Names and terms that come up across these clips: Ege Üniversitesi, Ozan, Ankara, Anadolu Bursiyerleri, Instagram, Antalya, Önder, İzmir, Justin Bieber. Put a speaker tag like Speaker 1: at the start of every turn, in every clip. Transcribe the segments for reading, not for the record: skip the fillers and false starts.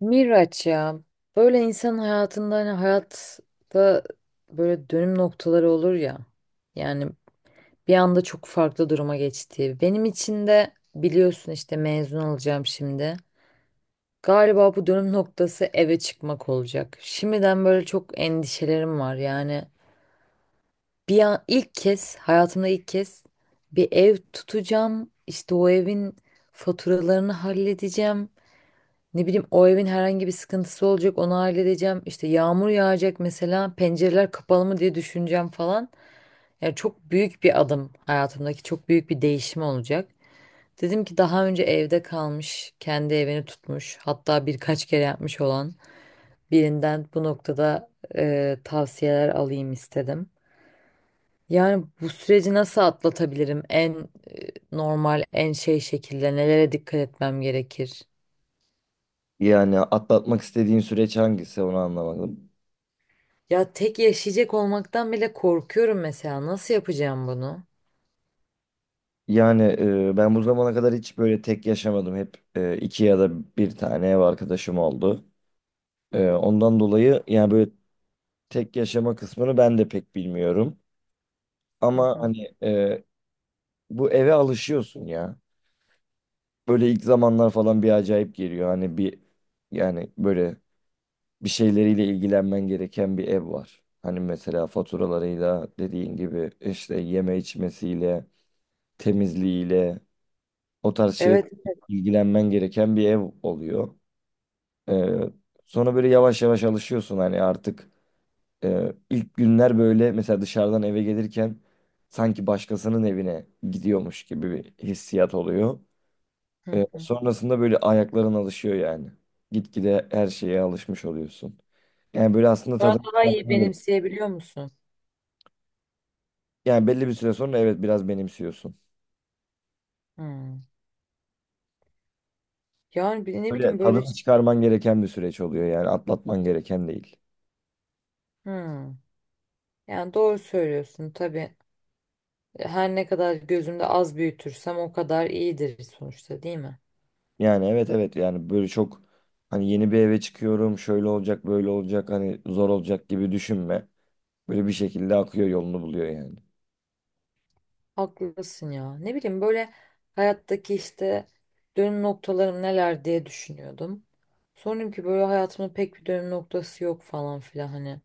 Speaker 1: Miraç ya böyle insan hayatında hani hayatta böyle dönüm noktaları olur ya yani bir anda çok farklı duruma geçti. Benim için de biliyorsun işte mezun olacağım şimdi. Galiba bu dönüm noktası eve çıkmak olacak. Şimdiden böyle çok endişelerim var yani bir an ilk kez hayatımda ilk kez bir ev tutacağım işte o evin faturalarını halledeceğim. Ne bileyim o evin herhangi bir sıkıntısı olacak onu halledeceğim. İşte yağmur yağacak mesela pencereler kapalı mı diye düşüneceğim falan. Yani çok büyük bir adım hayatımdaki çok büyük bir değişim olacak. Dedim ki daha önce evde kalmış, kendi evini tutmuş, hatta birkaç kere yapmış olan birinden bu noktada tavsiyeler alayım istedim. Yani bu süreci nasıl atlatabilirim? En normal, en şey şekilde nelere dikkat etmem gerekir?
Speaker 2: Yani atlatmak istediğin süreç hangisi onu anlamadım.
Speaker 1: Ya tek yaşayacak olmaktan bile korkuyorum mesela. Nasıl yapacağım bunu?
Speaker 2: Yani ben bu zamana kadar hiç böyle tek yaşamadım. Hep iki ya da bir tane ev arkadaşım oldu. Ondan dolayı yani böyle tek yaşama kısmını ben de pek bilmiyorum.
Speaker 1: Hı
Speaker 2: Ama
Speaker 1: hı.
Speaker 2: hani bu eve alışıyorsun ya. Böyle ilk zamanlar falan bir acayip geliyor. Hani bir yani böyle bir şeyleriyle ilgilenmen gereken bir ev var. Hani mesela faturalarıyla dediğin gibi işte yeme içmesiyle temizliğiyle o tarz şey
Speaker 1: Evet.
Speaker 2: ilgilenmen gereken bir ev oluyor. Ee, Sonra böyle yavaş yavaş alışıyorsun hani artık ilk günler böyle mesela dışarıdan eve gelirken sanki başkasının evine gidiyormuş gibi bir hissiyat oluyor.
Speaker 1: Hı hı.
Speaker 2: Sonrasında böyle ayakların alışıyor yani. Gitgide her şeye alışmış oluyorsun. Yani böyle aslında
Speaker 1: Sonra
Speaker 2: tadını
Speaker 1: daha iyi
Speaker 2: çıkarman gerek-
Speaker 1: benimseyebiliyor musun?
Speaker 2: Yani belli bir süre sonra evet biraz benimsiyorsun.
Speaker 1: Hı. Yani ne
Speaker 2: Böyle
Speaker 1: bileyim böyle
Speaker 2: tadını
Speaker 1: şey.
Speaker 2: çıkarman gereken bir süreç oluyor yani atlatman gereken değil.
Speaker 1: Hmm. Yani doğru söylüyorsun tabii. Her ne kadar gözümde az büyütürsem o kadar iyidir sonuçta, değil mi?
Speaker 2: Yani evet evet yani böyle çok hani yeni bir eve çıkıyorum şöyle olacak böyle olacak hani zor olacak gibi düşünme. Böyle bir şekilde akıyor yolunu buluyor yani.
Speaker 1: Haklısın ya. Ne bileyim böyle hayattaki işte dönüm noktalarım neler diye düşünüyordum. Sonra dedim ki böyle hayatımda pek bir dönüm noktası yok falan filan hani.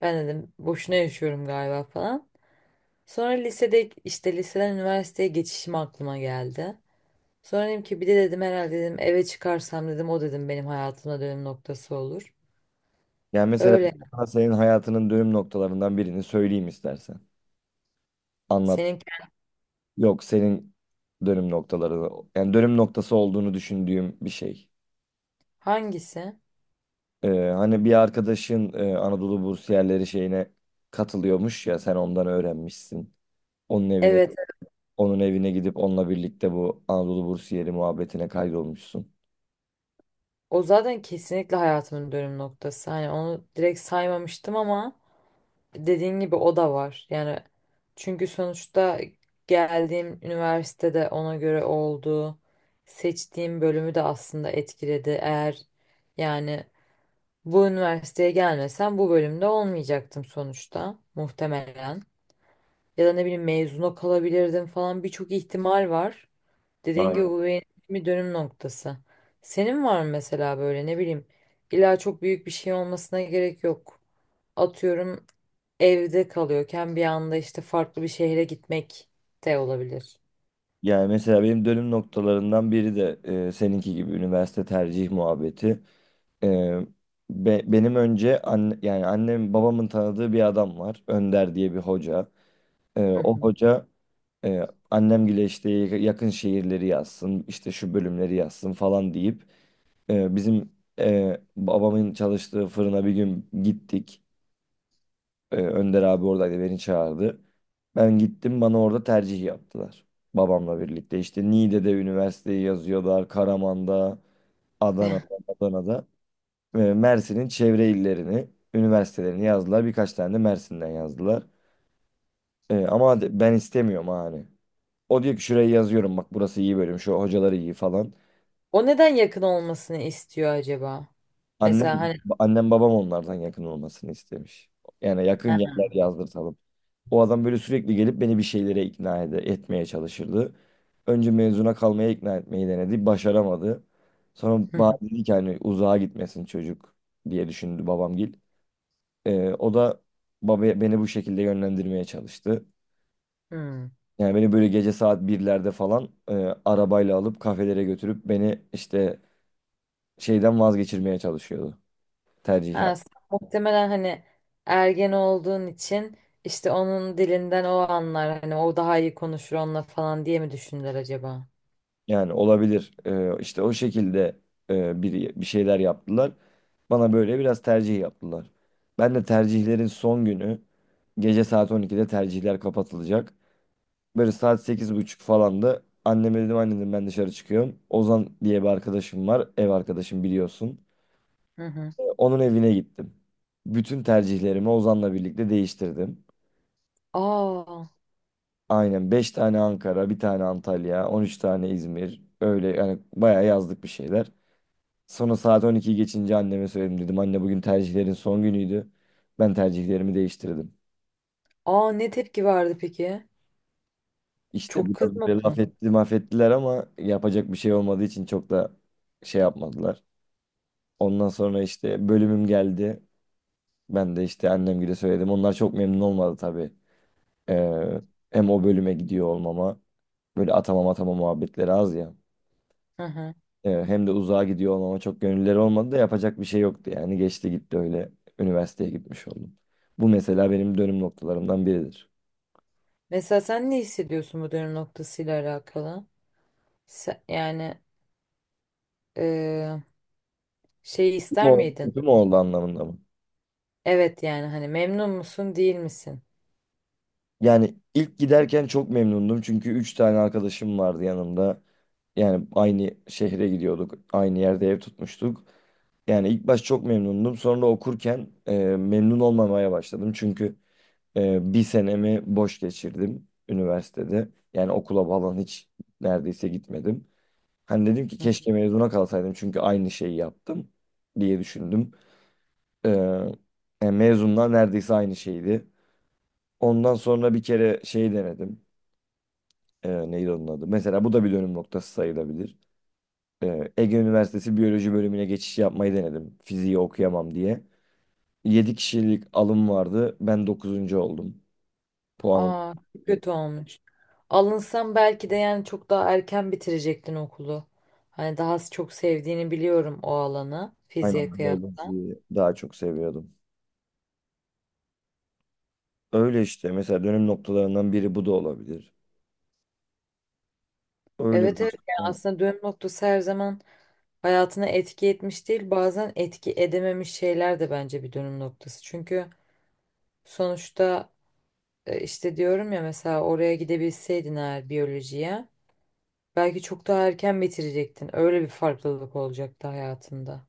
Speaker 1: Ben dedim boşuna yaşıyorum galiba falan. Sonra lisede işte liseden üniversiteye geçişim aklıma geldi. Sonra dedim ki bir de dedim herhalde dedim eve çıkarsam dedim o dedim benim hayatımda dönüm noktası olur.
Speaker 2: Yani mesela
Speaker 1: Öyle.
Speaker 2: sana senin hayatının dönüm noktalarından birini söyleyeyim istersen. Anlat.
Speaker 1: Senin
Speaker 2: Yok senin dönüm noktaları yani dönüm noktası olduğunu düşündüğüm bir şey.
Speaker 1: hangisi?
Speaker 2: Hani bir arkadaşın Anadolu Bursiyerleri şeyine katılıyormuş ya sen ondan öğrenmişsin. Onun evine
Speaker 1: Evet.
Speaker 2: Onun evine gidip onunla birlikte bu Anadolu Bursiyeri muhabbetine kaydolmuşsun.
Speaker 1: O zaten kesinlikle hayatımın dönüm noktası. Hani onu direkt saymamıştım ama dediğin gibi o da var. Yani çünkü sonuçta geldiğim üniversitede ona göre oldu. Seçtiğim bölümü de aslında etkiledi. Eğer yani bu üniversiteye gelmesem bu bölümde olmayacaktım sonuçta muhtemelen. Ya da ne bileyim mezuna kalabilirdim falan, birçok ihtimal var. Dediğin gibi
Speaker 2: Aynen.
Speaker 1: bu benim için bir dönüm noktası. Senin var mı mesela böyle ne bileyim illa çok büyük bir şey olmasına gerek yok. Atıyorum evde kalıyorken bir anda işte farklı bir şehre gitmek de olabilir.
Speaker 2: Yani mesela benim dönüm noktalarından biri de seninki gibi üniversite tercih muhabbeti. E, Benim önce yani annem babamın tanıdığı bir adam var. Önder diye bir hoca.
Speaker 1: Hı
Speaker 2: O
Speaker 1: hı.
Speaker 2: hoca annemgile işte yakın şehirleri yazsın, işte şu bölümleri yazsın falan deyip bizim babamın çalıştığı fırına bir gün gittik. Önder abi oradaydı, beni çağırdı. Ben gittim, bana orada tercih yaptılar. Babamla birlikte işte Niğde'de üniversiteyi yazıyorlar. Karaman'da, Adana'da, Adana'da. Mersin'in çevre illerini, üniversitelerini yazdılar. Birkaç tane de Mersin'den yazdılar. Ama ben istemiyorum ha hani. O diyor ki şuraya yazıyorum bak, burası iyi bölüm, şu hocaları iyi falan.
Speaker 1: O neden yakın olmasını istiyor acaba? Mesela
Speaker 2: Annem,
Speaker 1: hani
Speaker 2: annem babam onlardan yakın olmasını istemiş. Yani yakın
Speaker 1: ha,
Speaker 2: yerler yazdırtalım. O adam böyle sürekli gelip beni bir şeylere etmeye çalışırdı. Önce mezuna kalmaya ikna etmeyi denedi. Başaramadı. Sonra
Speaker 1: hı
Speaker 2: bana
Speaker 1: hı,
Speaker 2: dedi ki hani uzağa gitmesin çocuk diye düşündü babamgil. O da baba beni bu şekilde yönlendirmeye çalıştı.
Speaker 1: hı.
Speaker 2: Yani beni böyle gece saat birlerde falan arabayla alıp kafelere götürüp beni işte şeyden vazgeçirmeye çalışıyordu. Tercih.
Speaker 1: Ha, sen muhtemelen hani ergen olduğun için işte onun dilinden o anlar hani o daha iyi konuşur onunla falan diye mi düşündüler acaba?
Speaker 2: Yani olabilir. İşte o şekilde bir şeyler yaptılar. Bana böyle biraz tercih yaptılar. Ben de tercihlerin son günü gece saat 12'de tercihler kapatılacak. Böyle saat 8.30 falan da anneme dedim anne, dedim ben dışarı çıkıyorum. Ozan diye bir arkadaşım var. Ev arkadaşım, biliyorsun.
Speaker 1: Hı hı.
Speaker 2: Onun evine gittim. Bütün tercihlerimi Ozan'la birlikte değiştirdim.
Speaker 1: Aa,
Speaker 2: Aynen, 5 tane Ankara, bir tane Antalya, 13 tane İzmir. Öyle yani bayağı yazdık bir şeyler. Sonra saat 12'yi geçince anneme söyledim. Dedim anne, bugün tercihlerin son günüydü. Ben tercihlerimi değiştirdim.
Speaker 1: aa ne tepki verdi peki?
Speaker 2: İşte
Speaker 1: Çok
Speaker 2: biraz
Speaker 1: kızmadı
Speaker 2: böyle laf
Speaker 1: mı?
Speaker 2: etti, maf ettiler, ama yapacak bir şey olmadığı için çok da şey yapmadılar. Ondan sonra işte bölümüm geldi. Ben de işte annemgile söyledim. Onlar çok memnun olmadı tabii. Ee, Hem o bölüme gidiyor olmama. Böyle atama muhabbetleri az ya.
Speaker 1: Hı hı.
Speaker 2: Hem de uzağa gidiyor olmama çok gönülleri olmadı da yapacak bir şey yoktu yani. Geçti gitti, öyle üniversiteye gitmiş oldum. Bu mesela benim dönüm noktalarımdan biridir.
Speaker 1: Mesela sen ne hissediyorsun bu dönüm noktasıyla alakalı? Yani Ee, şey
Speaker 2: Kötü mü
Speaker 1: ister
Speaker 2: oldu,
Speaker 1: miydin?
Speaker 2: kötü mü oldu anlamında mı?
Speaker 1: Evet, yani hani memnun musun değil misin?
Speaker 2: Yani ilk giderken çok memnundum çünkü 3 tane arkadaşım vardı yanımda. Yani aynı şehre gidiyorduk, aynı yerde ev tutmuştuk. Yani ilk baş çok memnundum. Sonra okurken memnun olmamaya başladım. Çünkü bir senemi boş geçirdim üniversitede. Yani okula falan hiç neredeyse gitmedim. Hani dedim ki
Speaker 1: Hı.
Speaker 2: keşke mezuna kalsaydım çünkü aynı şeyi yaptım diye düşündüm. Ee, Yani mezunlar neredeyse aynı şeydi. Ondan sonra bir kere şey denedim. Neydi onun adı? Mesela bu da bir dönüm noktası sayılabilir. Ege Üniversitesi Biyoloji bölümüne geçiş yapmayı denedim. Fiziği okuyamam diye. 7 kişilik alım vardı. Ben dokuzuncu oldum. Puanım.
Speaker 1: Aa çok kötü olmuş. Alınsam belki de yani çok daha erken bitirecektin okulu. Hani daha çok sevdiğini biliyorum o alanı
Speaker 2: Aynen,
Speaker 1: fiziğe kıyasla.
Speaker 2: biyolojiyi daha çok seviyordum. Öyle işte mesela dönüm noktalarından biri bu da olabilir. Öyle bir.
Speaker 1: Evet evet, yani aslında dönüm noktası her zaman hayatına etki etmiş değil, bazen etki edememiş şeyler de bence bir dönüm noktası. Çünkü sonuçta işte diyorum ya mesela oraya gidebilseydin eğer biyolojiye. Belki çok daha erken bitirecektin. Öyle bir farklılık olacaktı hayatında.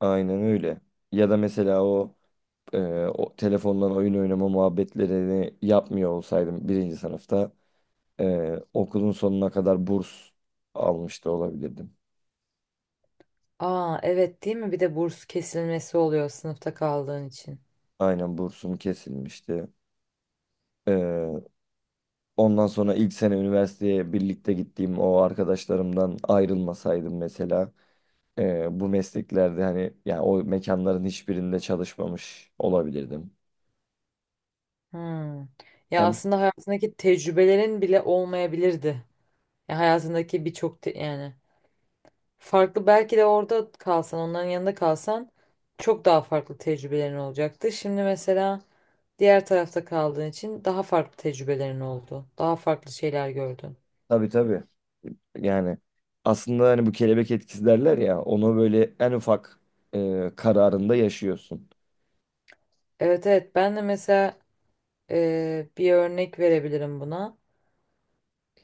Speaker 2: Aynen öyle. Ya da mesela e, o telefondan oyun oynama muhabbetlerini yapmıyor olsaydım birinci sınıfta okulun sonuna kadar burs almış da olabilirdim.
Speaker 1: Aa evet, değil mi? Bir de burs kesilmesi oluyor sınıfta kaldığın için.
Speaker 2: Aynen, bursum kesilmişti. E, Ondan sonra ilk sene üniversiteye birlikte gittiğim o arkadaşlarımdan ayrılmasaydım mesela bu mesleklerde hani yani o mekanların hiçbirinde çalışmamış olabilirdim.
Speaker 1: Hmm. Ya
Speaker 2: Yani.
Speaker 1: aslında hayatındaki tecrübelerin bile olmayabilirdi. Ya hayatındaki yani farklı belki de orada kalsan, onların yanında kalsan çok daha farklı tecrübelerin olacaktı. Şimdi mesela diğer tarafta kaldığın için daha farklı tecrübelerin oldu. Daha farklı şeyler gördün.
Speaker 2: Tabii tabii. Yani aslında hani bu kelebek etkisi derler ya, onu böyle en ufak kararında yaşıyorsun.
Speaker 1: Evet evet, ben de mesela bir örnek verebilirim buna.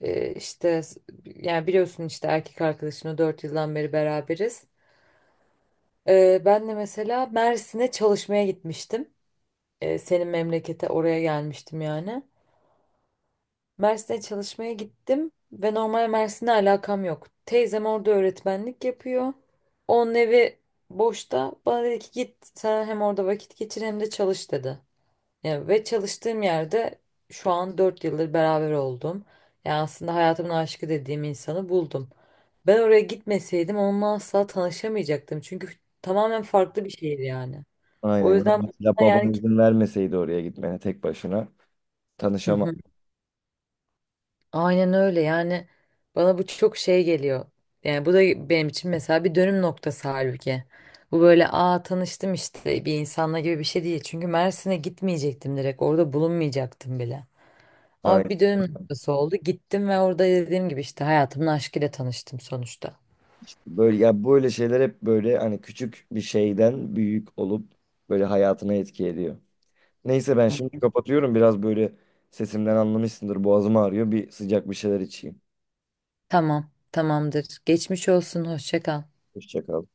Speaker 1: Ee, işte s- yani biliyorsun işte erkek arkadaşımla 4 yıldan beri beraberiz. Ben de mesela Mersin'e çalışmaya gitmiştim. Senin memlekete oraya gelmiştim yani. Mersin'e çalışmaya gittim ve normal Mersin'le alakam yok. Teyzem orada öğretmenlik yapıyor. Onun evi boşta. Bana dedi ki git sen hem orada vakit geçir hem de çalış dedi. Ya ve çalıştığım yerde şu an 4 yıldır beraber oldum. Yani aslında hayatımın aşkı dediğim insanı buldum. Ben oraya gitmeseydim onunla asla tanışamayacaktım. Çünkü tamamen farklı bir şehir yani.
Speaker 2: Aynen.
Speaker 1: O
Speaker 2: Ya
Speaker 1: yüzden
Speaker 2: mesela
Speaker 1: bana yani
Speaker 2: baban izin vermeseydi oraya gitmene tek başına,
Speaker 1: Hı
Speaker 2: tanışamaz.
Speaker 1: hı. Aynen öyle, yani bana bu çok şey geliyor. Yani bu da benim için mesela bir dönüm noktası halbuki. Bu böyle aa tanıştım işte bir insanla gibi bir şey değil. Çünkü Mersin'e gitmeyecektim, direkt orada bulunmayacaktım bile. Ama
Speaker 2: Aynen.
Speaker 1: bir dönüm noktası oldu. Gittim ve orada dediğim gibi işte hayatımın aşkıyla tanıştım sonuçta.
Speaker 2: Böyle ya böyle şeyler hep böyle hani küçük bir şeyden büyük olup böyle hayatına etki ediyor. Neyse, ben şimdi
Speaker 1: Hı.
Speaker 2: kapatıyorum. Biraz böyle sesimden anlamışsındır. Boğazım ağrıyor. Bir sıcak bir şeyler içeyim.
Speaker 1: Tamam, tamamdır. Geçmiş olsun, hoşça kal.
Speaker 2: Hoşça kal.